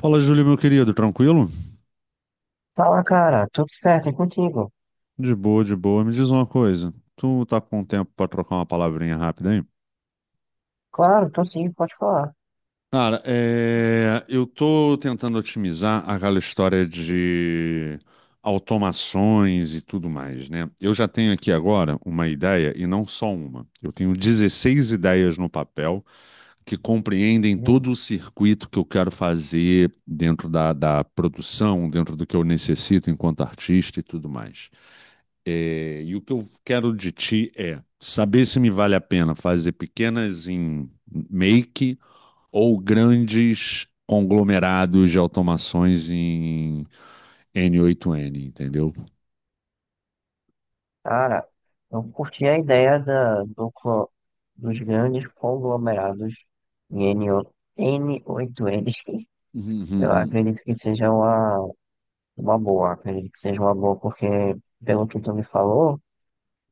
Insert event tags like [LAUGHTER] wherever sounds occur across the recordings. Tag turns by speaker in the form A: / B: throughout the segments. A: Fala, Júlio, meu querido, tranquilo?
B: Fala, cara, tudo certo, e contigo?
A: De boa, de boa. Me diz uma coisa. Tu tá com tempo pra trocar uma palavrinha rápida aí?
B: Claro, tô sim, pode falar.
A: Cara, eu tô tentando otimizar aquela história de automações e tudo mais, né? Eu já tenho aqui agora uma ideia e não só uma. Eu tenho 16 ideias no papel que compreendem
B: Hum.
A: todo o circuito que eu quero fazer dentro da produção, dentro do que eu necessito enquanto artista e tudo mais. É, e o que eu quero de ti é saber se me vale a pena fazer pequenas em make ou grandes conglomerados de automações em N8N, entendeu?
B: Cara, eu curti a ideia dos grandes conglomerados em n oito n. [LAUGHS]
A: Uhum,
B: Eu
A: uhum.
B: acredito que seja uma boa, acredito que seja uma boa, porque, pelo que tu me falou,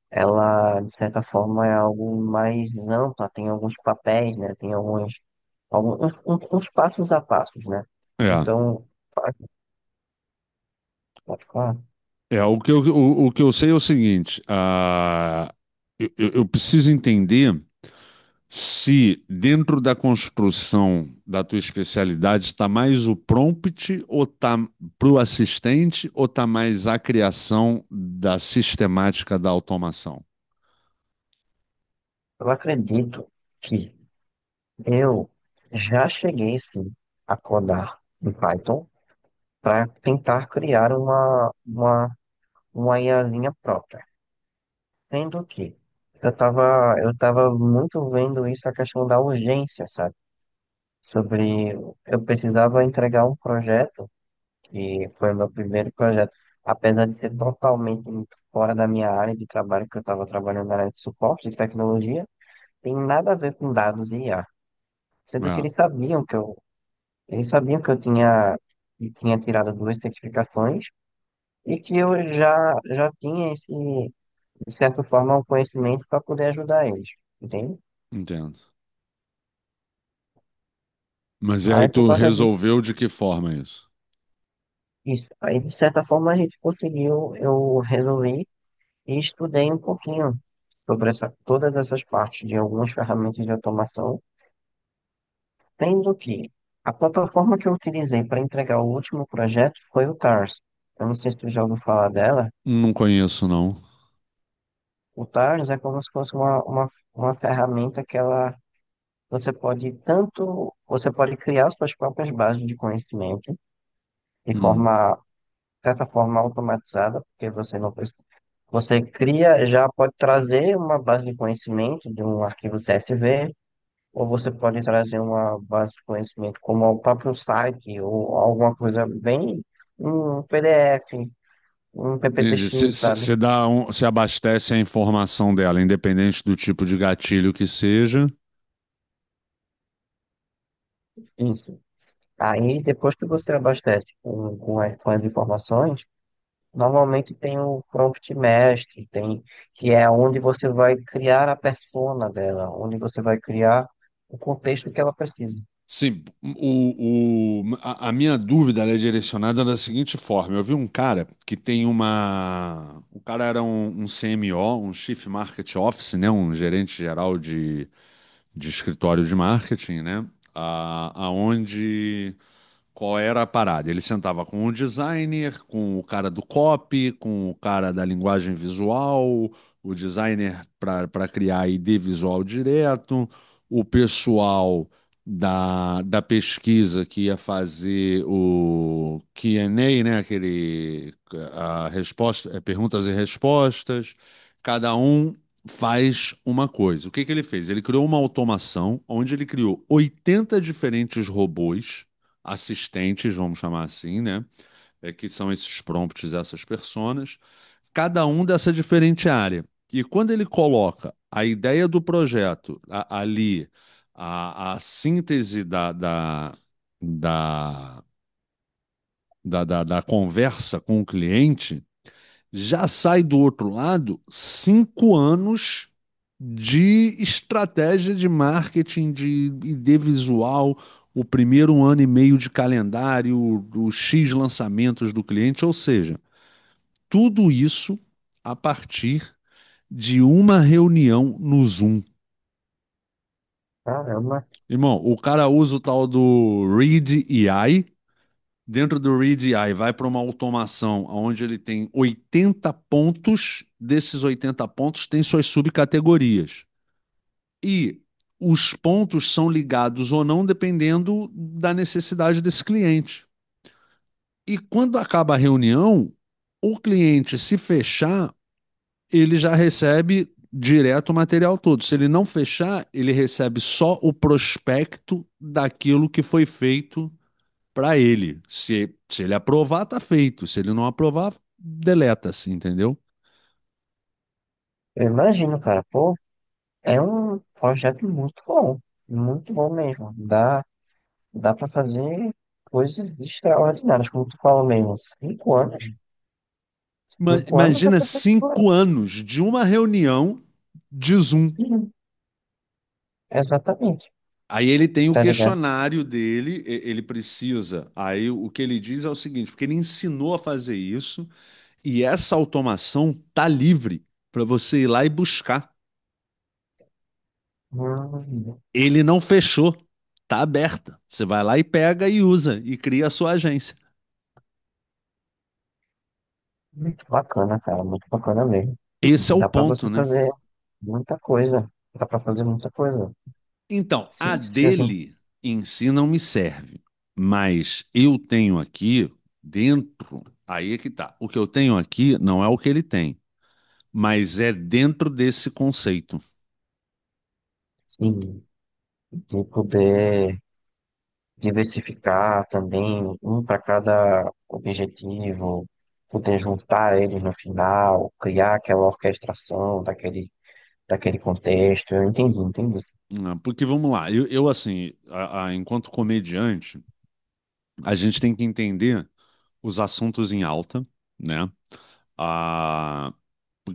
B: ela, de certa forma, é algo mais ampla, tem alguns papéis, né? Tem alguns uns passos a passos, né?
A: É,
B: Então, pode, pode falar.
A: é o que eu, o que eu sei é o seguinte. Eu preciso entender se dentro da construção da tua especialidade está mais o prompt ou tá para o assistente ou está mais a criação da sistemática da automação?
B: Eu acredito que eu já cheguei sim a codar em Python para tentar criar uma IAzinha própria. Sendo que eu tava muito vendo isso, a questão da urgência, sabe? Sobre eu precisava entregar um projeto, que foi o meu primeiro projeto, apesar de ser totalmente fora da minha área de trabalho, que eu estava trabalhando na área de suporte de tecnologia, tem nada a ver com dados e IA. Sendo que
A: Ah,
B: eles sabiam que eu Ele sabia que eu tinha, que tinha tirado duas certificações e que eu já tinha esse, de certa forma, um conhecimento para poder ajudar eles, entende?
A: entendo. Mas e aí
B: Aí, por
A: tu
B: causa disso,
A: resolveu de que forma isso?
B: isso. Aí, de certa forma, a gente conseguiu, eu resolvi e estudei um pouquinho sobre essa, todas essas partes de algumas ferramentas de automação, sendo que a plataforma que eu utilizei para entregar o último projeto foi o TARS. Eu não sei se tu já ouviu falar dela.
A: Não conheço, não.
B: O Taros é como se fosse uma ferramenta que ela, você pode tanto, você pode criar suas próprias bases de conhecimento de
A: Hum.
B: forma, certa forma automatizada, porque você não precisa, você cria, já pode trazer uma base de conhecimento de um arquivo CSV, ou você pode trazer uma base de conhecimento como o próprio site, ou alguma coisa bem, um PDF, um
A: Entendi.
B: PPTX, sabe?
A: Você abastece a informação dela, independente do tipo de gatilho que seja.
B: Isso. Aí, depois que você abastece com as informações, normalmente tem o prompt mestre, tem, que é onde você vai criar a persona dela, onde você vai criar o contexto que ela precisa.
A: Sim, a minha dúvida ela é direcionada da seguinte forma. Eu vi um cara que tem uma. O cara era um CMO, um Chief Market Office, né? Um gerente geral de escritório de marketing, né? A, aonde Qual era a parada? Ele sentava com o designer, com o cara do copy, com o cara da linguagem visual, o designer para criar ID visual direto, o pessoal da pesquisa que ia fazer o Q&A, né? Aquele a resposta, é, perguntas e respostas. Cada um faz uma coisa. O que que ele fez? Ele criou uma automação onde ele criou 80 diferentes robôs assistentes, vamos chamar assim, né? É que são esses prompts, essas personas, cada um dessa diferente área. E quando ele coloca a ideia do projeto ali, a síntese da, da conversa com o cliente, já sai do outro lado 5 anos de estratégia de marketing, de ID visual, o primeiro ano e meio de calendário, os X lançamentos do cliente, ou seja, tudo isso a partir de uma reunião no Zoom.
B: Caramba,
A: Irmão, o cara usa o tal do Read AI dentro do READI vai para uma automação onde ele tem 80 pontos, desses 80 pontos tem suas subcategorias. E os pontos são ligados ou não dependendo da necessidade desse cliente. E quando acaba a reunião, o cliente se fechar, ele já recebe direto o material todo. Se ele não fechar, ele recebe só o prospecto daquilo que foi feito para ele. Se ele aprovar, tá feito. Se ele não aprovar, deleta-se, entendeu?
B: eu imagino, cara, pô, é um projeto muito bom mesmo. Dá para fazer coisas extraordinárias, como tu falou mesmo. Cinco anos é
A: Imagina
B: bastante coisa.
A: 5 anos de uma reunião de Zoom.
B: Sim, exatamente,
A: Aí ele tem o
B: tá ligado?
A: questionário dele, ele precisa. Aí o que ele diz é o seguinte, porque ele ensinou a fazer isso e essa automação tá livre para você ir lá e buscar.
B: Hum.
A: Ele não fechou, tá aberta. Você vai lá e pega e usa e cria a sua agência.
B: Muito bacana, cara, muito bacana mesmo.
A: Esse é o
B: Dá pra
A: ponto,
B: você
A: né?
B: fazer muita coisa. Dá pra fazer muita coisa.
A: Então, a
B: Sim, se a gente,
A: dele em si não me serve, mas eu tenho aqui dentro, aí é que tá. O que eu tenho aqui não é o que ele tem, mas é dentro desse conceito.
B: sim, de poder diversificar também, um para cada objetivo, poder juntar eles no final, criar aquela orquestração daquele contexto. Eu entendi, entendi.
A: Né? Porque vamos lá, eu, assim, enquanto comediante, a gente tem que entender os assuntos em alta, né? Ah,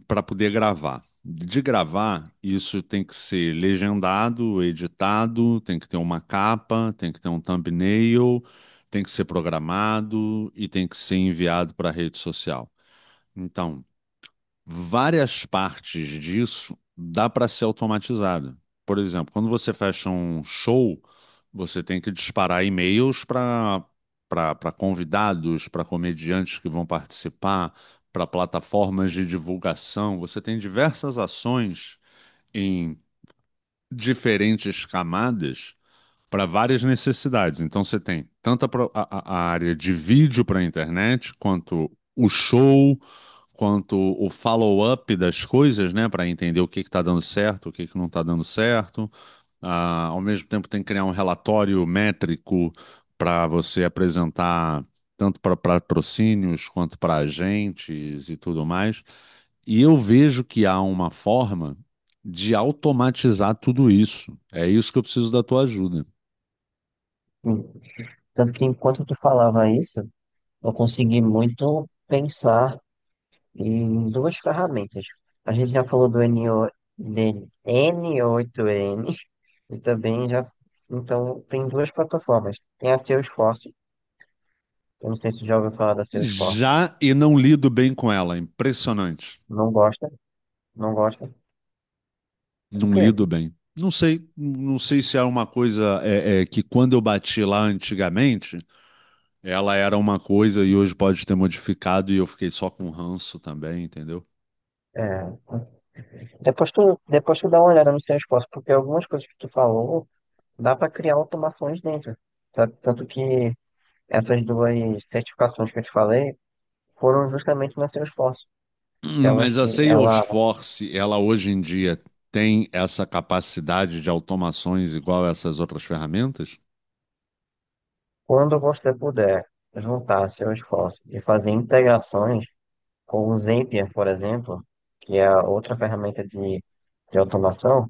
A: para poder gravar. De gravar, isso tem que ser legendado, editado, tem que ter uma capa, tem que ter um thumbnail, tem que ser programado e tem que ser enviado para a rede social. Então, várias partes disso dá para ser automatizado. Por exemplo, quando você fecha um show, você tem que disparar e-mails para convidados, para comediantes que vão participar, para plataformas de divulgação. Você tem diversas ações em diferentes camadas para várias necessidades. Então você tem tanto a, pro- a- área de vídeo para a internet, quanto o show, quanto o follow-up das coisas, né, para entender o que está dando certo, o que que não está dando certo. Ah, ao mesmo tempo tem que criar um relatório métrico para você apresentar tanto para patrocínios quanto para agentes e tudo mais. E eu vejo que há uma forma de automatizar tudo isso. É isso que eu preciso da tua ajuda.
B: Sim. Tanto que enquanto tu falava isso, eu consegui muito pensar em duas ferramentas. A gente já falou do n o de N8N e também já. Então, tem duas plataformas. Tem a Salesforce. Eu não sei se já ouviu falar da Salesforce.
A: Já e não lido bem com ela. Impressionante.
B: Não gosta? Não gosta? Por
A: Não
B: quê?
A: lido bem. Não sei, não sei se é uma coisa, que quando eu bati lá antigamente, ela era uma coisa e hoje pode ter modificado e eu fiquei só com ranço também, entendeu?
B: É. Depois tu dá uma olhada no Salesforce, porque algumas coisas que tu falou, dá para criar automações dentro. Tanto que essas duas certificações que eu te falei foram justamente na Salesforce. Que elas,
A: Mas a
B: ela.
A: Salesforce, ela hoje em dia tem essa capacidade de automações igual a essas outras ferramentas?
B: Quando você puder juntar seu esforço e fazer integrações com o Zapier, por exemplo, que é a outra ferramenta de automação,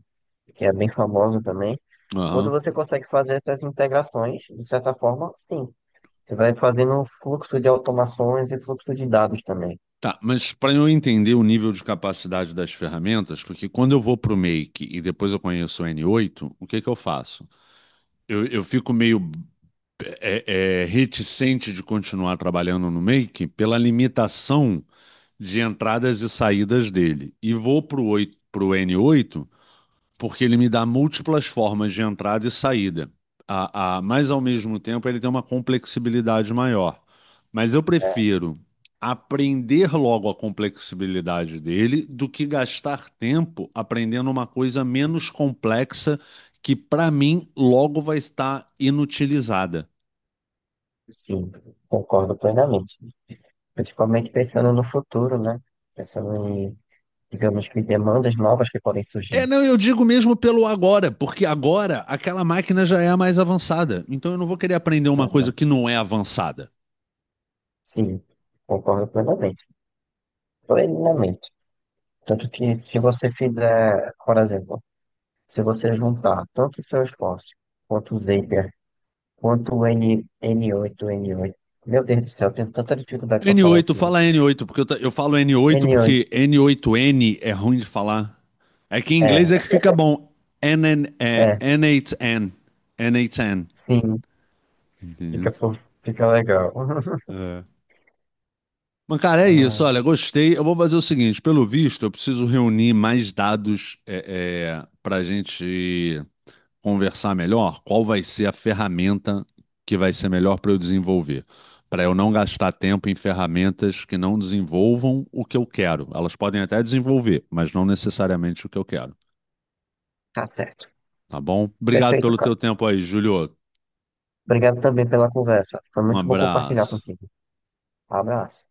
B: que é bem famosa também, quando
A: Aham.
B: você consegue fazer essas integrações, de certa forma, sim, você vai fazendo um fluxo de automações e fluxo de dados também,
A: Tá, mas para eu entender o nível de capacidade das ferramentas, porque quando eu vou para o Make e depois eu conheço o N8, o que que eu faço? Eu fico meio reticente de continuar trabalhando no Make pela limitação de entradas e saídas dele. E vou para o N8 porque ele me dá múltiplas formas de entrada e saída. Mas ao mesmo tempo ele tem uma complexibilidade maior. Mas eu
B: né?
A: prefiro aprender logo a complexibilidade dele do que gastar tempo aprendendo uma coisa menos complexa que para mim logo vai estar inutilizada.
B: Sim, concordo plenamente. Principalmente pensando no futuro, né? Pensando em, digamos que demandas novas que podem
A: É,
B: surgir.
A: não, eu digo mesmo pelo agora, porque agora aquela máquina já é a mais avançada. Então eu não vou querer aprender uma coisa
B: Né?
A: que não é avançada.
B: Sim, concordo plenamente. Plenamente. Tanto que se você fizer, por exemplo, se você juntar tanto o seu esforço, quanto o Zapier, quanto o N8, N8, meu Deus do céu, eu tenho tanta dificuldade para
A: n
B: falar
A: oito,
B: esse nome.
A: fala N8, porque eu falo N8 porque
B: N8,
A: N8N é ruim de falar. É que em
B: é,
A: inglês é que fica bom.
B: é,
A: N8N. N8N.
B: sim,
A: Entendeu?
B: fica, fo- fica legal. [LAUGHS]
A: É. Mas, cara, é isso.
B: Ah.
A: Olha, gostei. Eu vou fazer o seguinte: pelo visto, eu preciso reunir mais dados, pra gente conversar melhor, qual vai ser a ferramenta que vai ser melhor para eu desenvolver. Para eu não gastar tempo em ferramentas que não desenvolvam o que eu quero. Elas podem até desenvolver, mas não necessariamente o que eu quero.
B: Tá certo.
A: Tá bom? Obrigado
B: Perfeito,
A: pelo
B: cara.
A: teu tempo aí, Júlio.
B: Obrigado também pela conversa. Foi
A: Um
B: muito bom compartilhar
A: abraço.
B: contigo. Abraço.